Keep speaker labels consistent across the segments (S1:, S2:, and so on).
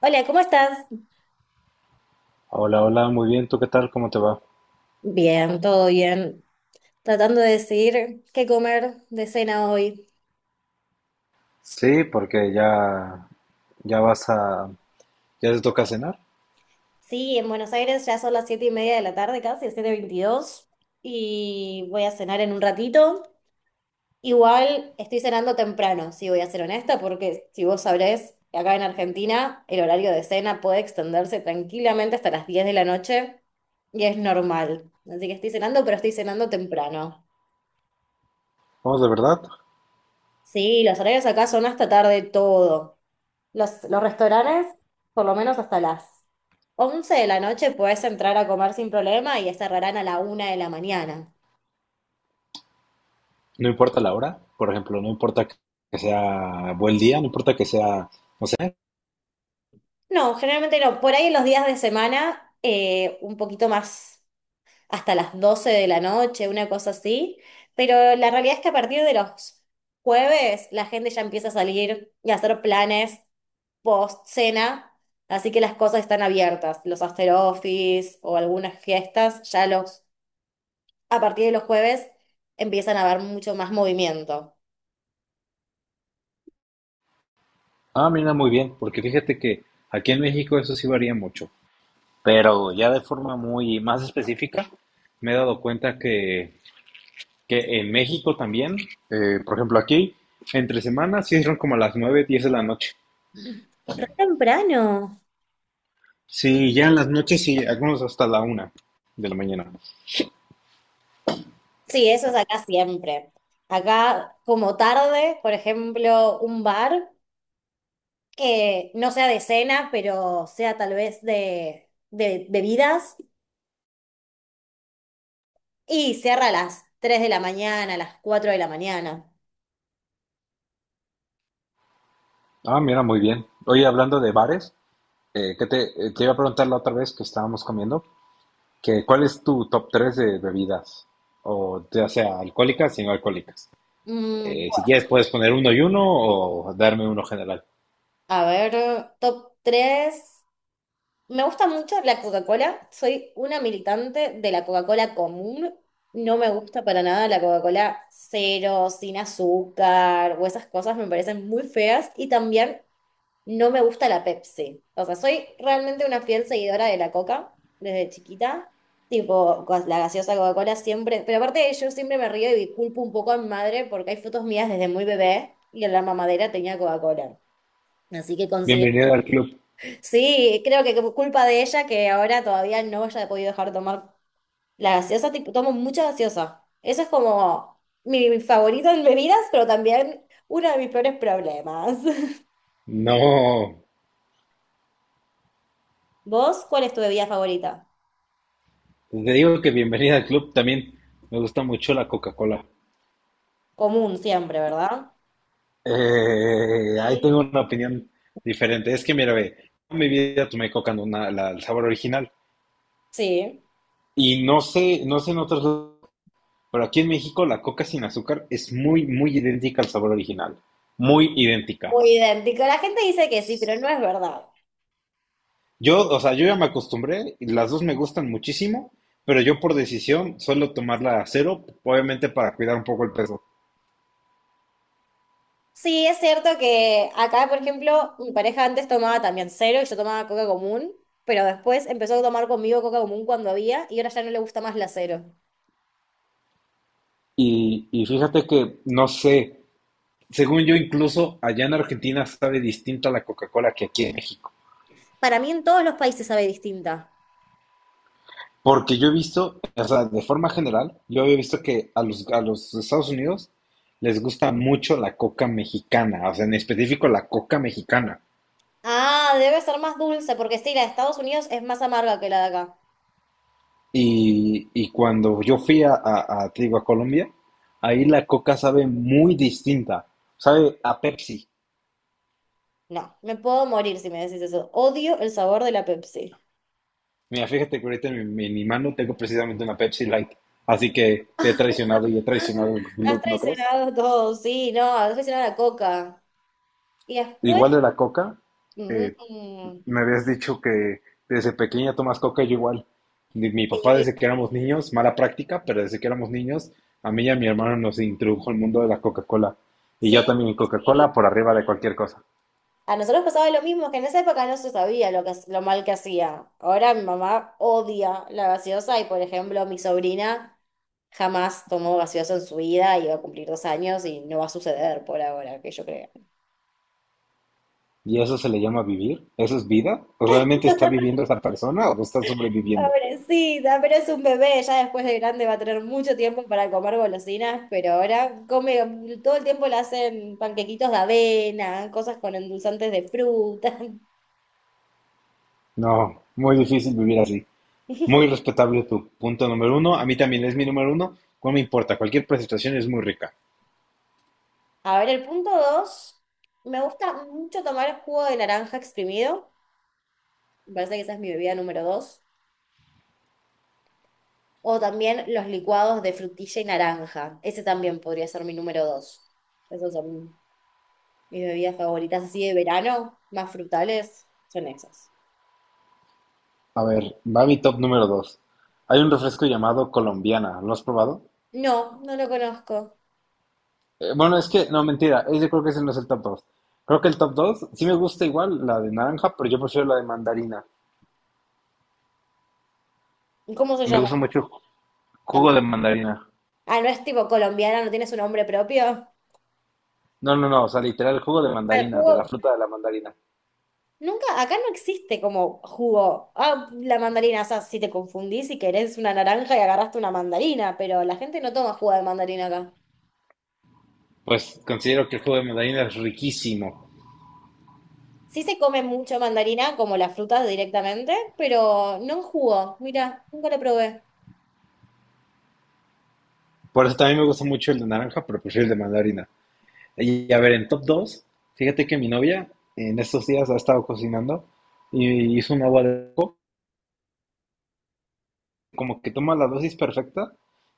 S1: Hola, ¿cómo estás?
S2: Hola, hola, muy bien. ¿Tú qué tal? ¿Cómo te va?
S1: Bien, todo bien. Tratando de decidir qué comer de cena hoy.
S2: Sí, porque ya vas a, ya te toca cenar.
S1: Sí, en Buenos Aires ya son las 7:30 de la tarde casi, 7:22, y voy a cenar en un ratito. Igual estoy cenando temprano, si voy a ser honesta, porque si vos sabrés, acá en Argentina el horario de cena puede extenderse tranquilamente hasta las 10 de la noche y es normal. Así que estoy cenando, pero estoy cenando temprano.
S2: Vamos, de verdad.
S1: Sí, los horarios acá son hasta tarde todo. Los restaurantes, por lo menos hasta las 11 de la noche, puedes entrar a comer sin problema y cerrarán a la 1 de la mañana.
S2: No importa la hora, por ejemplo, no importa que sea buen día, no importa que sea, no sé.
S1: No, generalmente no. Por ahí en los días de semana, un poquito más, hasta las 12 de la noche, una cosa así. Pero la realidad es que a partir de los jueves la gente ya empieza a salir y a hacer planes post cena, así que las cosas están abiertas, los after office o algunas fiestas, ya los a partir de los jueves empiezan a haber mucho más movimiento.
S2: Ah, mira, muy bien, porque fíjate que aquí en México eso sí varía mucho, pero ya de forma muy más específica me he dado cuenta que en México también, por ejemplo, aquí entre semanas sí son como a las 9, 10 de la noche.
S1: Re temprano.
S2: Sí, ya en las noches y algunos hasta la 1 de la mañana.
S1: Sí, eso es acá siempre. Acá como tarde, por ejemplo, un bar que no sea de cena, pero sea tal vez de bebidas y cierra a las 3 de la mañana, a las 4 de la mañana.
S2: Ah, mira, muy bien. Oye, hablando de bares, que te, te iba a preguntar la otra vez que estábamos comiendo, que ¿cuál es tu top 3 de bebidas? O ya sea alcohólicas y no alcohólicas.
S1: Mm,
S2: Si
S1: bueno,
S2: quieres puedes poner uno y uno o darme uno general.
S1: a ver, top 3. Me gusta mucho la Coca-Cola. Soy una militante de la Coca-Cola común. No me gusta para nada la Coca-Cola cero, sin azúcar o esas cosas me parecen muy feas. Y también no me gusta la Pepsi. O sea, soy realmente una fiel seguidora de la Coca desde chiquita. Tipo, la gaseosa Coca-Cola siempre. Pero aparte yo siempre me río y culpo un poco a mi madre porque hay fotos mías desde muy bebé y en la mamadera tenía Coca-Cola. Así que considero.
S2: Bienvenido al club.
S1: Sí, creo que como culpa de ella que ahora todavía no haya podido dejar de tomar la gaseosa. Tipo, tomo mucha gaseosa. Eso es como mi favorito en bebidas, pero también uno de mis peores problemas.
S2: No,
S1: ¿Vos cuál es tu bebida favorita?
S2: te digo que bienvenida al club también. Me gusta mucho la Coca-Cola.
S1: Común siempre, ¿verdad?
S2: Ahí tengo
S1: Mm.
S2: una opinión diferente. Es que mira, ve, en mi vida tomé coca no na- la- el sabor original.
S1: Sí.
S2: Y no sé, no sé en otros lados, pero aquí en México la coca sin azúcar es muy, muy idéntica al sabor original. Muy idéntica.
S1: Muy idéntico. La gente dice que sí, pero no es verdad.
S2: Yo, o sea, yo ya me acostumbré, y las dos me gustan muchísimo, pero yo por decisión suelo tomarla a cero, obviamente para cuidar un poco el peso.
S1: Sí, es cierto que acá, por ejemplo, mi pareja antes tomaba también cero y yo tomaba coca común, pero después empezó a tomar conmigo coca común cuando había y ahora ya no le gusta más la cero.
S2: Y fíjate que, no sé, según yo incluso allá en Argentina sabe distinta la Coca-Cola que aquí en México.
S1: Para mí en todos los países sabe distinta.
S2: Porque yo he visto, o sea, de forma general, yo había visto que a los Estados Unidos les gusta mucho la coca mexicana, o sea, en específico la coca mexicana.
S1: Ah, debe ser más dulce, porque sí, la de Estados Unidos es más amarga que la de acá.
S2: Y cuando yo fui te digo, a Colombia, ahí la coca sabe muy distinta, sabe a Pepsi.
S1: No, me puedo morir si me decís eso. Odio el sabor de la Pepsi.
S2: Mira, fíjate que ahorita en mi mano tengo precisamente una Pepsi Light, así que te he traicionado y he traicionado el
S1: Has
S2: club, ¿no crees?
S1: traicionado todo, sí, no, has traicionado la coca. Y después...
S2: Igual de la coca, eh,
S1: Mm,
S2: me habías dicho que desde pequeña tomas coca, yo igual. Mi papá
S1: sí,
S2: desde que éramos niños, mala práctica, pero desde que éramos niños, a mí y a mi hermano nos introdujo el mundo de la Coca-Cola. Y
S1: sí,
S2: yo también Coca-Cola
S1: sí.
S2: por arriba de cualquier cosa.
S1: A nosotros pasaba lo mismo, que en esa época no se sabía lo que, lo mal que hacía. Ahora mi mamá odia la gaseosa y, por ejemplo, mi sobrina jamás tomó gaseosa en su vida y va a cumplir 2 años y no va a suceder por ahora, que yo creo.
S2: ¿Y eso se le llama vivir? ¿Eso es vida? ¿O realmente está viviendo esa persona o no está sobreviviendo?
S1: Pobrecita, pero es un bebé, ya después de grande va a tener mucho tiempo para comer golosinas, pero ahora come, todo el tiempo le hacen panquequitos de avena, cosas con endulzantes de fruta.
S2: No, muy difícil vivir así. Muy respetable tu punto número uno. A mí también es mi número uno. No me importa, cualquier presentación es muy rica.
S1: A ver, el punto dos, me gusta mucho tomar el jugo de naranja exprimido, me parece que esa es mi bebida número dos, o también los licuados de frutilla y naranja, ese también podría ser mi número dos. Esas son mis bebidas favoritas así de verano, más frutales, son esas.
S2: A ver, va mi top número 2. Hay un refresco llamado Colombiana. ¿Lo has probado?
S1: No, no lo conozco.
S2: Bueno, es que, no, mentira. Yo creo que ese no es el top 2. Creo que el top 2 sí me gusta igual la de naranja, pero yo prefiero la de mandarina.
S1: ¿Cómo se
S2: Me
S1: llama?
S2: gusta mucho el jugo
S1: También-
S2: de mandarina.
S1: Ah, no es tipo colombiana, no tiene su nombre propio.
S2: No, no, no. O sea, literal, el jugo de
S1: Ah, el
S2: mandarina, de la
S1: jugo,
S2: fruta de la mandarina.
S1: nunca, acá no existe como jugo. Ah, la mandarina, o sea, si te confundís y querés una naranja y agarraste una mandarina, pero la gente no toma jugo de mandarina acá.
S2: Pues considero que el jugo de mandarina es riquísimo.
S1: Sí se come mucho mandarina, como las frutas directamente, pero no en jugo. Mira, nunca lo probé.
S2: Por eso también me gusta mucho el de naranja, pero prefiero el de mandarina. Y a ver, en top 2, fíjate que mi novia en estos días ha estado cocinando y hizo un agua de coco, como que toma la dosis perfecta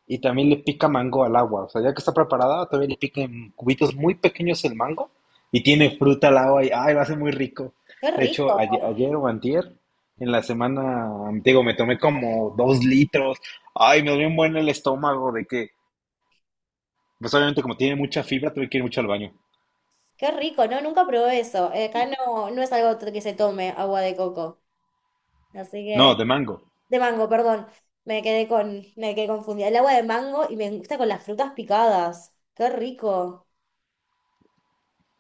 S2: y también le pica mango al agua. O sea, ya que está preparada, también le pica en cubitos muy pequeños el mango y tiene fruta al agua y, ay, lo hace muy rico.
S1: Qué
S2: De hecho,
S1: rico,
S2: ayer, ayer o antier, en la semana, digo, me tomé como 2 litros. Ay, me dolió un buen el estómago de que, pues obviamente como tiene mucha fibra, tuve que ir mucho al baño.
S1: qué rico, no, nunca probé eso. Acá no, no es algo que se tome agua de coco. Así
S2: No,
S1: que,
S2: de mango.
S1: de mango, perdón. Me quedé confundida. El agua de mango y me gusta con las frutas picadas. Qué rico.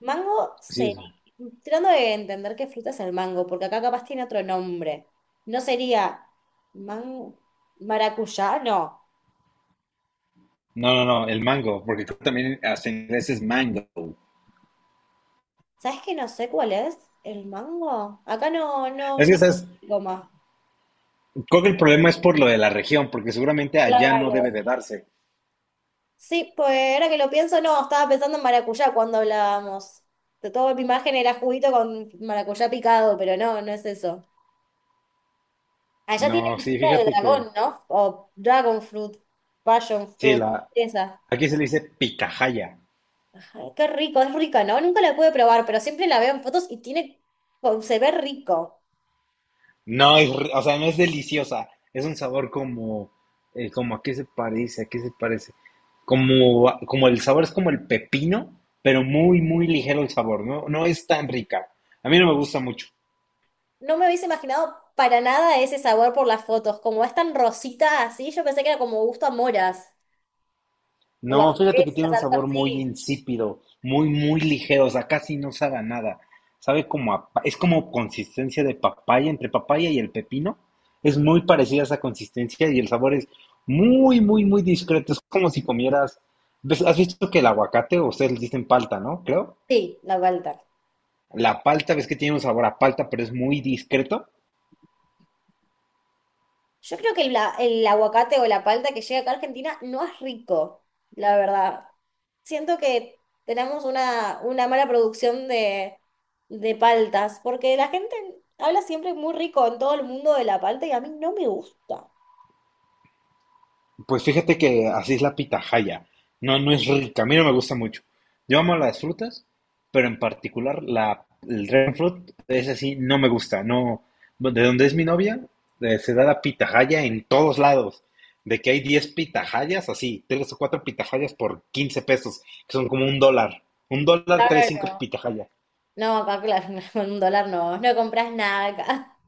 S1: Mango,
S2: Sí,
S1: sería,
S2: es-
S1: tratando de entender qué fruta es el mango, porque acá capaz tiene otro nombre. ¿No sería mango, maracuyá? No.
S2: No, no, no, el mango, porque creo que también hasta en inglés es mango.
S1: ¿Sabes que no sé cuál es el mango? Acá no, no,
S2: Es
S1: no.
S2: que, ¿sabes?
S1: Goma.
S2: Creo que el problema es por lo de la región, porque seguramente allá no debe
S1: Claro.
S2: de darse.
S1: Sí, pues ahora que lo pienso, no, estaba pensando en maracuyá cuando hablábamos. De toda mi imagen era juguito con maracuyá picado, pero no, no es eso. Allá
S2: No,
S1: tiene
S2: sí,
S1: fruta de
S2: fíjate que,
S1: dragón, ¿no? O dragon fruit, passion
S2: sí,
S1: fruit,
S2: la,
S1: esa.
S2: aquí se le dice picajaya.
S1: Ay, qué rico, es rica, ¿no? Nunca la pude probar, pero siempre la veo en fotos y tiene, oh, se ve rico.
S2: No, es, o sea, no es deliciosa. Es un sabor como, como a qué se parece, a qué se parece. Como, como el sabor es como el pepino, pero muy, muy ligero el sabor. No, no es tan rica. A mí no me gusta mucho.
S1: No me hubiese imaginado para nada ese sabor por las fotos. Como es tan rosita así, yo pensé que era como gusto a moras o a
S2: No, fíjate que tiene
S1: fresas,
S2: un
S1: algo
S2: sabor
S1: así.
S2: muy insípido, muy, muy ligero, o sea, casi no sabe a nada. Sabe como a, es como consistencia de papaya, entre papaya y el pepino. Es muy parecida a esa consistencia y el sabor es muy, muy, muy discreto. Es como si comieras, ¿ves? ¿Has visto que el aguacate, o ustedes le dicen palta, ¿no? Creo.
S1: Sí, la vuelta.
S2: La palta, ves que tiene un sabor a palta, pero es muy discreto.
S1: Yo creo que el, el aguacate o la palta que llega acá a Argentina no es rico, la verdad. Siento que tenemos una mala producción de, paltas, porque la gente habla siempre muy rico en todo el mundo de la palta y a mí no me gusta.
S2: Pues fíjate que así es la pitahaya. No, no es rica. A mí no me gusta mucho. Yo amo las frutas, pero en particular el dragon fruit es así, no me gusta. No, de donde es mi novia, se da la pitahaya en todos lados. De que hay 10 pitahayas, así, 3 o 4 pitahayas por 15 pesos, que son como $1. $1, 3 5
S1: Claro.
S2: pitahayas.
S1: No, acá, claro, con $1 no, no compras nada acá.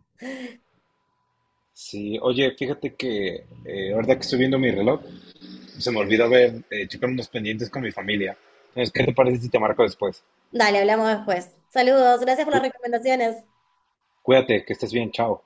S2: Sí, oye, fíjate que ahorita que estoy viendo mi reloj, se me olvidó checar unos pendientes con mi familia. Entonces, ¿qué te parece si te marco después?
S1: Dale, hablamos después. Saludos, gracias por las
S2: Cu-
S1: recomendaciones.
S2: Cuídate, que estés bien. Chao.